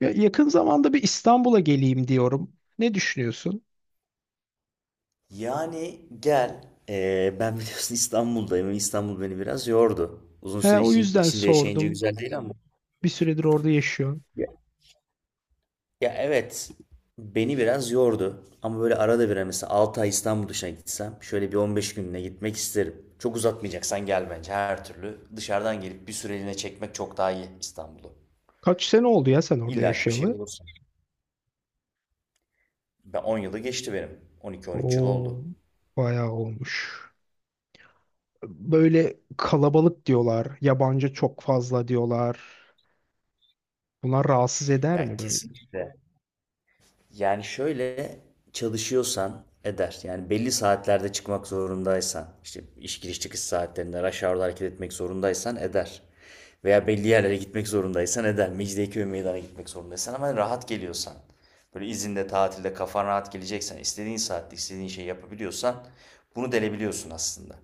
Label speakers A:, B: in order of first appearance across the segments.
A: Ya yakın zamanda bir İstanbul'a geleyim diyorum. Ne düşünüyorsun?
B: Yani gel. Ben biliyorsun İstanbul'dayım. İstanbul beni biraz yordu. Uzun
A: He,
B: süre
A: o yüzden
B: içinde yaşayınca
A: sordum.
B: güzel değil ama.
A: Bir süredir orada yaşıyorsun.
B: Ya, ya evet. Beni biraz yordu. Ama böyle arada bir hani mesela 6 ay İstanbul dışına gitsem şöyle bir 15 gününe gitmek isterim. Çok uzatmayacaksan gel bence her türlü. Dışarıdan gelip bir süreliğine çekmek çok daha iyi İstanbul'u.
A: Kaç sene oldu ya sen orada
B: İlla ki bir şey
A: yaşayalı?
B: bulursun. Ben 10 yılı geçti benim. 12-13 yıl oldu.
A: Oo, bayağı olmuş. Böyle kalabalık diyorlar. Yabancı çok fazla diyorlar. Bunlar rahatsız eder
B: Ya
A: mi böyle?
B: kesinlikle. Yani şöyle çalışıyorsan eder. Yani belli saatlerde çıkmak zorundaysan, işte iş giriş çıkış saatlerinde rush hour'da hareket etmek zorundaysan eder. Veya belli yerlere gitmek zorundaysan eder. Mecidiyeköy meydana gitmek zorundaysan ama rahat geliyorsan. Böyle izinde, tatilde kafan rahat geleceksen, istediğin saatte istediğin şeyi yapabiliyorsan bunu delebiliyorsun aslında.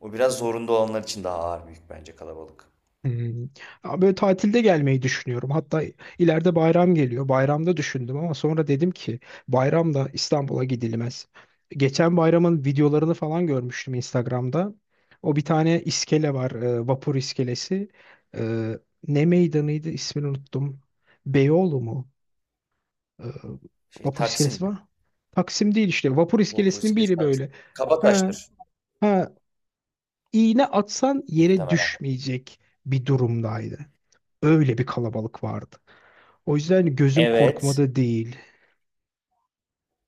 B: O biraz zorunda olanlar için daha ağır büyük bence kalabalık.
A: Hmm. Ama böyle tatilde gelmeyi düşünüyorum. Hatta ileride bayram geliyor. Bayramda düşündüm ama sonra dedim ki bayramda İstanbul'a gidilmez. Geçen bayramın videolarını falan görmüştüm Instagram'da. O bir tane iskele var, vapur iskelesi. E, Ne meydanıydı, ismini unuttum. Beyoğlu mu? E,
B: Şey
A: Vapur
B: Taksim
A: iskelesi
B: mi?
A: var. Taksim değil işte. Vapur
B: Vapur
A: iskelesinin
B: iskelesi
A: biri
B: Taksim.
A: böyle. Ha,
B: Kabataş'tır
A: ha, iğne atsan yere
B: muhtemelen.
A: düşmeyecek bir durumdaydı. Öyle bir kalabalık vardı. O yüzden gözüm
B: Evet.
A: korkmada değil.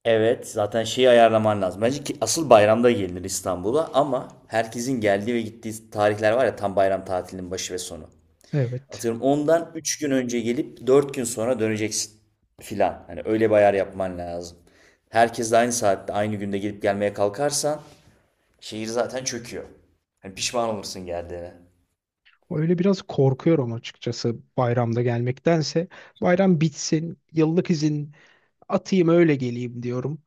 B: Evet, zaten şeyi ayarlaman lazım. Bence ki asıl bayramda gelinir İstanbul'a ama herkesin geldiği ve gittiği tarihler var ya tam bayram tatilinin başı ve sonu.
A: Evet.
B: Atıyorum ondan 3 gün önce gelip 4 gün sonra döneceksin filan. Hani öyle bir ayar yapman lazım. Herkes de aynı saatte aynı günde gelip gelmeye kalkarsan şehir zaten çöküyor. Hani pişman olursun geldiğine.
A: Öyle biraz korkuyorum açıkçası bayramda gelmektense. Bayram bitsin, yıllık izin atayım öyle geleyim diyorum.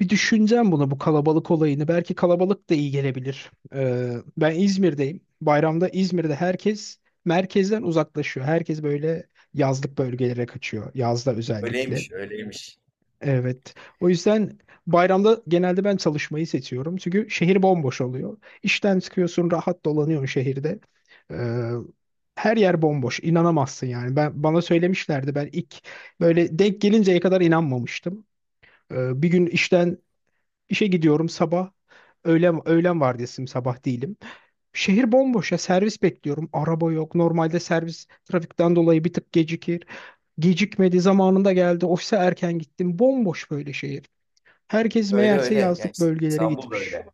A: Bir düşüneceğim bunu, bu kalabalık olayını. Belki kalabalık da iyi gelebilir. Ben İzmir'deyim. Bayramda İzmir'de herkes merkezden uzaklaşıyor. Herkes böyle yazlık bölgelere kaçıyor. Yazda özellikle.
B: Öyleymiş, öyleymiş.
A: Evet. O yüzden bayramda genelde ben çalışmayı seçiyorum. Çünkü şehir bomboş oluyor. İşten çıkıyorsun, rahat dolanıyorsun şehirde. Ee, Her yer bomboş. İnanamazsın yani. Ben bana söylemişlerdi. Ben ilk böyle denk gelinceye kadar inanmamıştım. Bir gün işe gidiyorum sabah. Öğlen vardiyasıyım, sabah değilim. Şehir bomboş ya, servis bekliyorum. Araba yok. Normalde servis trafikten dolayı bir tık gecikir. Gecikmedi, zamanında geldi. Ofise erken gittim. Bomboş böyle şehir. Herkes
B: Öyle
A: meğerse
B: öyle. Yani
A: yazlık bölgelere
B: İstanbul da
A: gitmiş.
B: öyle.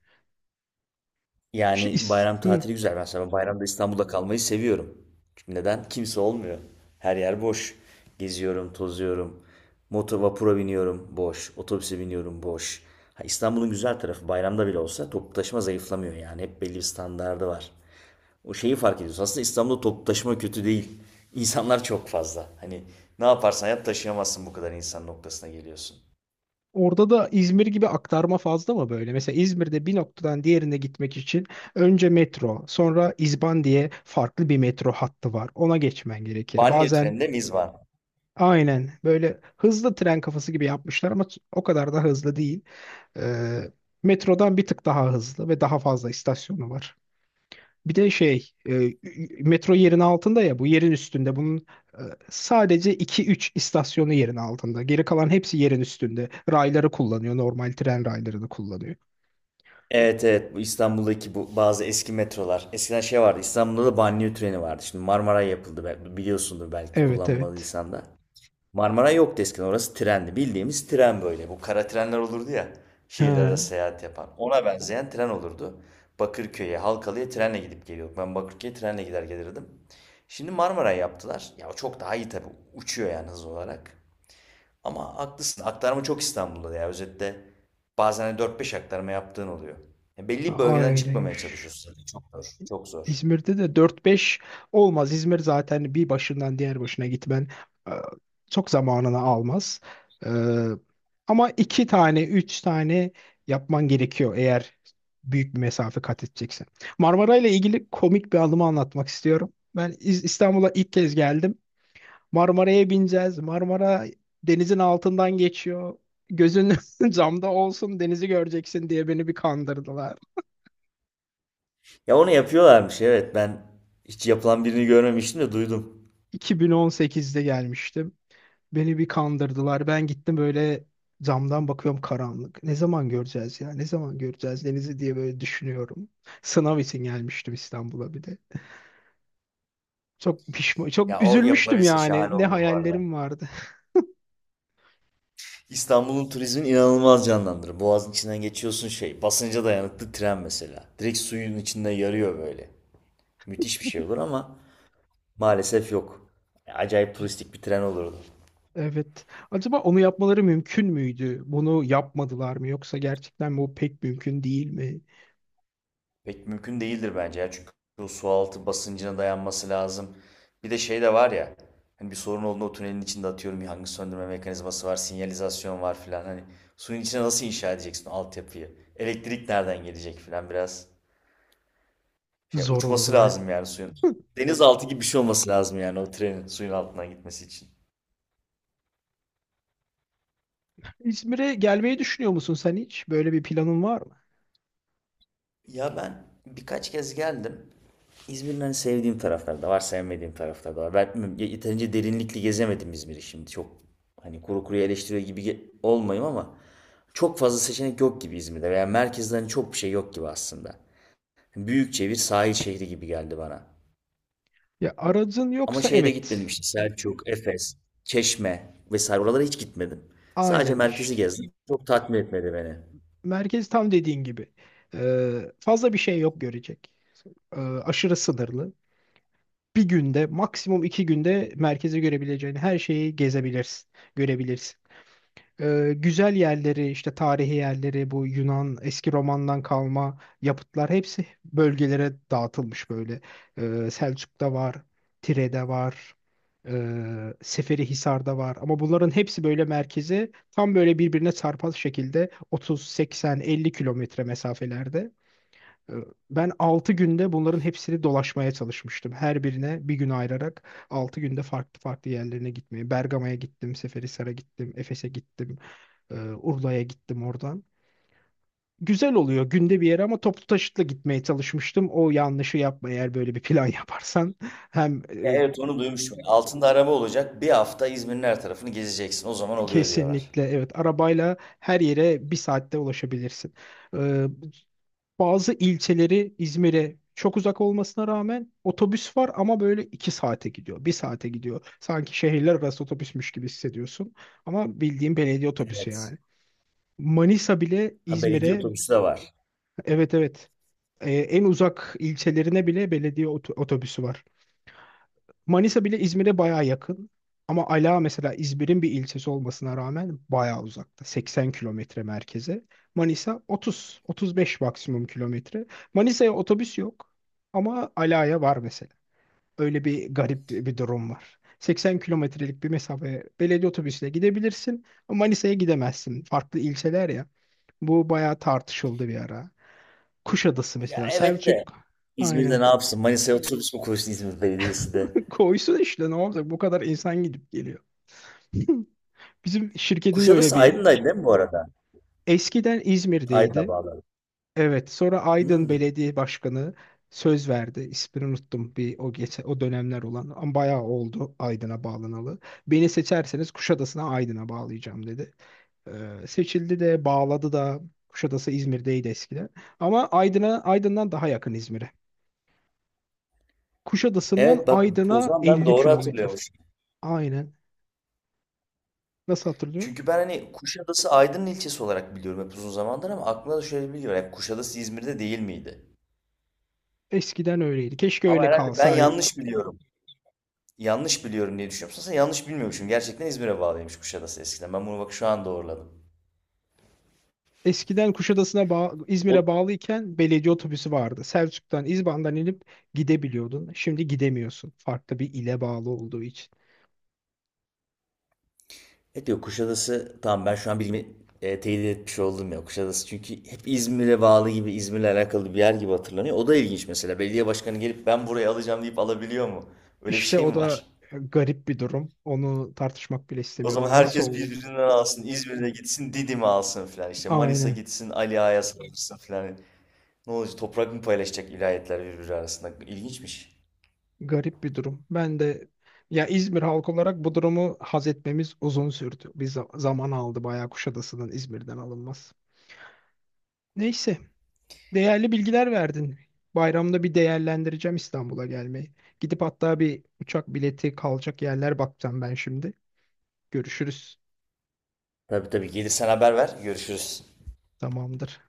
A: İşte
B: Yani bayram
A: Hı.
B: tatili güzel. Mesela bayramda İstanbul'da kalmayı seviyorum. Çünkü neden? Kimse olmuyor. Her yer boş. Geziyorum, tozuyorum. Motor vapura biniyorum, boş. Otobüse biniyorum, boş. Ha, İstanbul'un güzel tarafı bayramda bile olsa toplu taşıma zayıflamıyor yani. Hep belli bir standardı var. O şeyi fark ediyorsun. Aslında İstanbul'da toplu taşıma kötü değil. İnsanlar çok fazla. Hani ne yaparsan yap taşıyamazsın bu kadar insan noktasına geliyorsun.
A: Orada da İzmir gibi aktarma fazla mı böyle? Mesela İzmir'de bir noktadan diğerine gitmek için önce metro, sonra İzban diye farklı bir metro hattı var. Ona geçmen gerekir.
B: Banliyö
A: Bazen
B: treninde miz var.
A: aynen böyle hızlı tren kafası gibi yapmışlar ama o kadar da hızlı değil. Ee, Metrodan bir tık daha hızlı ve daha fazla istasyonu var. Bir de şey, metro yerin altında ya, bu yerin üstünde. Bunun e, sadece iki üç istasyonu yerin altında. Geri kalan hepsi yerin üstünde. Rayları kullanıyor, normal tren raylarını kullanıyor.
B: Evet, bu İstanbul'daki bu bazı eski metrolar. Eskiden şey vardı İstanbul'da da banliyö treni vardı. Şimdi Marmaray yapıldı biliyorsundur belki
A: Evet, evet.
B: kullanmadıysan da. Marmaray yoktu eskiden orası trendi. Bildiğimiz tren böyle. Bu kara trenler olurdu ya şehirler
A: Ha,
B: arası seyahat yapan. Ona benzeyen tren olurdu. Bakırköy'e, Halkalı'ya trenle gidip geliyorduk. Ben Bakırköy'e trenle gider gelirdim. Şimdi Marmaray yaptılar. Ya o çok daha iyi tabii. Uçuyor yani hız olarak. Ama haklısın. Aktarma çok İstanbul'da ya. Özetle bazen hani 4-5 aktarma yaptığın oluyor. Ya belli bir bölgeden çıkmamaya
A: ayrıymış.
B: çalışıyorsun zaten. Çok zor. Çok zor.
A: İzmir'de de dört beş olmaz. İzmir zaten bir başından diğer başına gitmen e, çok zamanını almaz. E, Ama 2 tane, 3 tane yapman gerekiyor, eğer büyük bir mesafe kat edeceksin. Marmara ile ilgili komik bir anımı anlatmak istiyorum. Ben İstanbul'a ilk kez geldim. Marmara'ya bineceğiz. Marmara denizin altından geçiyor. Gözün camda olsun, denizi göreceksin diye beni bir kandırdılar.
B: Ya onu yapıyorlarmış evet ben hiç yapılan birini görmemiştim de duydum.
A: 2018'de gelmiştim. Beni bir kandırdılar. Ben gittim, böyle camdan bakıyorum, karanlık. Ne zaman göreceğiz ya? Ne zaman göreceğiz denizi diye böyle düşünüyorum. Sınav için gelmiştim İstanbul'a bir de. Çok pişman, çok
B: Ya o
A: üzülmüştüm
B: yapılabilse
A: yani.
B: şahane
A: Ne
B: olur bu arada.
A: hayallerim vardı.
B: İstanbul'un turizmini inanılmaz canlandırır. Boğazın içinden geçiyorsun şey. Basınca dayanıklı tren mesela. Direkt suyun içinde yarıyor böyle. Müthiş bir şey olur ama maalesef yok. Acayip turistik bir tren olurdu.
A: Evet. Acaba onu yapmaları mümkün müydü? Bunu yapmadılar mı? Yoksa gerçekten bu pek mümkün değil mi?
B: Pek mümkün değildir bence ya. Çünkü o sualtı basıncına dayanması lazım. Bir de şey de var ya. Hani bir sorun olduğunda o tünelin içinde atıyorum yangın söndürme mekanizması var, sinyalizasyon var filan. Hani suyun içine nasıl inşa edeceksin o altyapıyı? Elektrik nereden gelecek filan biraz. Şey
A: Zor
B: uçması
A: olurdu aynen.
B: lazım yani suyun. Denizaltı gibi bir şey olması lazım yani o trenin suyun altından gitmesi için.
A: İzmir'e gelmeyi düşünüyor musun sen hiç? Böyle bir planın var mı?
B: Ya ben birkaç kez geldim. İzmir'in hani sevdiğim tarafları da var, sevmediğim tarafları da var. Ben yeterince derinlikli gezemedim İzmir'i şimdi. Çok hani kuru kuruya eleştiriyor gibi olmayayım ama çok fazla seçenek yok gibi İzmir'de veya merkezde hani çok bir şey yok gibi aslında. Büyükçe bir sahil şehri gibi geldi bana.
A: Ya aracın
B: Ama
A: yoksa
B: şeye de gitmedim
A: evet.
B: işte Selçuk, Efes, Çeşme vesaire oralara hiç gitmedim. Sadece
A: Aynen
B: merkezi
A: işte.
B: gezdim. Çok tatmin etmedi beni.
A: Merkez tam dediğin gibi. Fazla bir şey yok görecek. Aşırı sınırlı. Bir günde, maksimum iki günde merkezi görebileceğin her şeyi gezebilirsin, görebilirsin. Güzel yerleri, işte tarihi yerleri, bu Yunan eski Roman'dan kalma yapıtlar hepsi bölgelere dağıtılmış böyle. Selçuk'ta var, Tire'de var, Seferihisar'da var ama bunların hepsi böyle merkeze tam böyle birbirine çarpaz şekilde 30, 80, 50 kilometre mesafelerde. Ee, Ben 6 günde bunların hepsini dolaşmaya çalışmıştım. Her birine bir gün ayırarak 6 günde farklı farklı yerlerine gitmeye. Bergama'ya gittim, Seferihisar'a gittim, Efes'e gittim. Ee, Urla'ya gittim oradan. Güzel oluyor günde bir yere ama toplu taşıtla gitmeye çalışmıştım. O yanlışı yapma, eğer böyle bir plan yaparsan. Hem
B: Ya evet onu duymuştum. Altında araba olacak. Bir hafta İzmir'in her tarafını gezeceksin. O zaman oluyor diyorlar.
A: kesinlikle evet, arabayla her yere bir saatte ulaşabilirsin. Ee, Bazı ilçeleri İzmir'e çok uzak olmasına rağmen otobüs var ama böyle 2 saate gidiyor, bir saate gidiyor. Sanki şehirler arası otobüsmüş gibi hissediyorsun. Ama bildiğin belediye otobüsü
B: Evet.
A: yani. Manisa bile
B: Ha belediye
A: İzmir'e.
B: otobüsü de var.
A: Evet, evet. En uzak ilçelerine bile belediye otobüsü var. Manisa bile İzmir'e bayağı yakın. Ama Ala mesela İzmir'in bir ilçesi olmasına rağmen bayağı uzakta. 80 kilometre merkeze. Manisa 30, 35 maksimum kilometre. Manisa'ya otobüs yok ama Ala'ya var mesela. Öyle bir garip bir durum var. 80 kilometrelik bir mesafe belediye otobüsüyle gidebilirsin ama Manisa'ya gidemezsin. Farklı ilçeler ya. Bu bayağı tartışıldı bir ara. Kuşadası
B: Ya
A: mesela.
B: evet de
A: Selçuk,
B: İzmir'de ne
A: aynen.
B: yapsın? Manisa'ya otobüs mü koysun İzmir Belediyesi de?
A: Koysun, işte ne olacak? Bu kadar insan gidip geliyor. Bizim şirketin de öyle
B: Kuşadası
A: bir
B: Aydın'daydı değil mi bu arada?
A: eskiden
B: Aydın'a
A: İzmir'deydi.
B: bağlı.
A: Evet, sonra Aydın
B: Hmm.
A: Belediye Başkanı söz verdi. İsmini unuttum, bir o geçen o dönemler olan ama bayağı oldu Aydın'a bağlanalı. Beni seçerseniz Kuşadası'na, Aydın'a bağlayacağım dedi. Seçildi de, bağladı da. Kuşadası İzmir'deydi eskiden. Ama Aydın'a Aydın'dan daha yakın İzmir'e. Kuşadası'ndan
B: Evet bak o
A: Aydın'a
B: zaman ben
A: 50
B: doğru
A: kilometre.
B: hatırlıyormuşum.
A: Aynen. Nasıl hatırlıyor?
B: Çünkü ben hani Kuşadası Aydın'ın ilçesi olarak biliyorum hep uzun zamandır ama aklımda da şöyle biliyorum. Hep Kuşadası İzmir'de değil miydi?
A: Eskiden öyleydi. Keşke
B: Ama
A: öyle
B: herhalde ben
A: kalsaydı.
B: yanlış biliyorum. Yanlış biliyorum diye düşünüyorum. Aslında yanlış bilmiyormuşum. Gerçekten İzmir'e bağlıymış Kuşadası eskiden. Ben bunu bak şu an doğruladım.
A: Eskiden Kuşadası'na İzmir'e
B: O,
A: bağlıyken belediye otobüsü vardı. Selçuk'tan, İzban'dan inip gidebiliyordun. Şimdi gidemiyorsun. Farklı bir ile bağlı olduğu için.
B: evet diyor Kuşadası tamam ben şu an bilimi teyit etmiş oldum ya. Kuşadası çünkü hep İzmir'e bağlı gibi İzmir'le alakalı bir yer gibi hatırlanıyor. O da ilginç mesela. Belediye başkanı gelip ben burayı alacağım deyip alabiliyor mu? Öyle bir
A: İşte
B: şey
A: o
B: mi var?
A: da garip bir durum. Onu tartışmak bile
B: O
A: istemiyorum.
B: zaman
A: O nasıl
B: herkes
A: oldu?
B: birbirinden alsın. İzmir'de gitsin, Didim'e alsın filan. İşte Manisa
A: Aynen.
B: gitsin, Ali Ağa'ya saldırsın filan. Ne olacak? Toprak mı paylaşacak vilayetler birbiri arasında? İlginçmiş.
A: Garip bir durum. Ben de ya, İzmir halkı olarak bu durumu haz etmemiz uzun sürdü. Bir zaman aldı bayağı Kuşadası'nın İzmir'den alınması. Neyse. Değerli bilgiler verdin. Bayramda bir değerlendireceğim İstanbul'a gelmeyi. Gidip hatta bir uçak bileti, kalacak yerler bakacağım ben şimdi. Görüşürüz.
B: Tabii tabii. Gelirsen haber ver. Görüşürüz.
A: Tamamdır.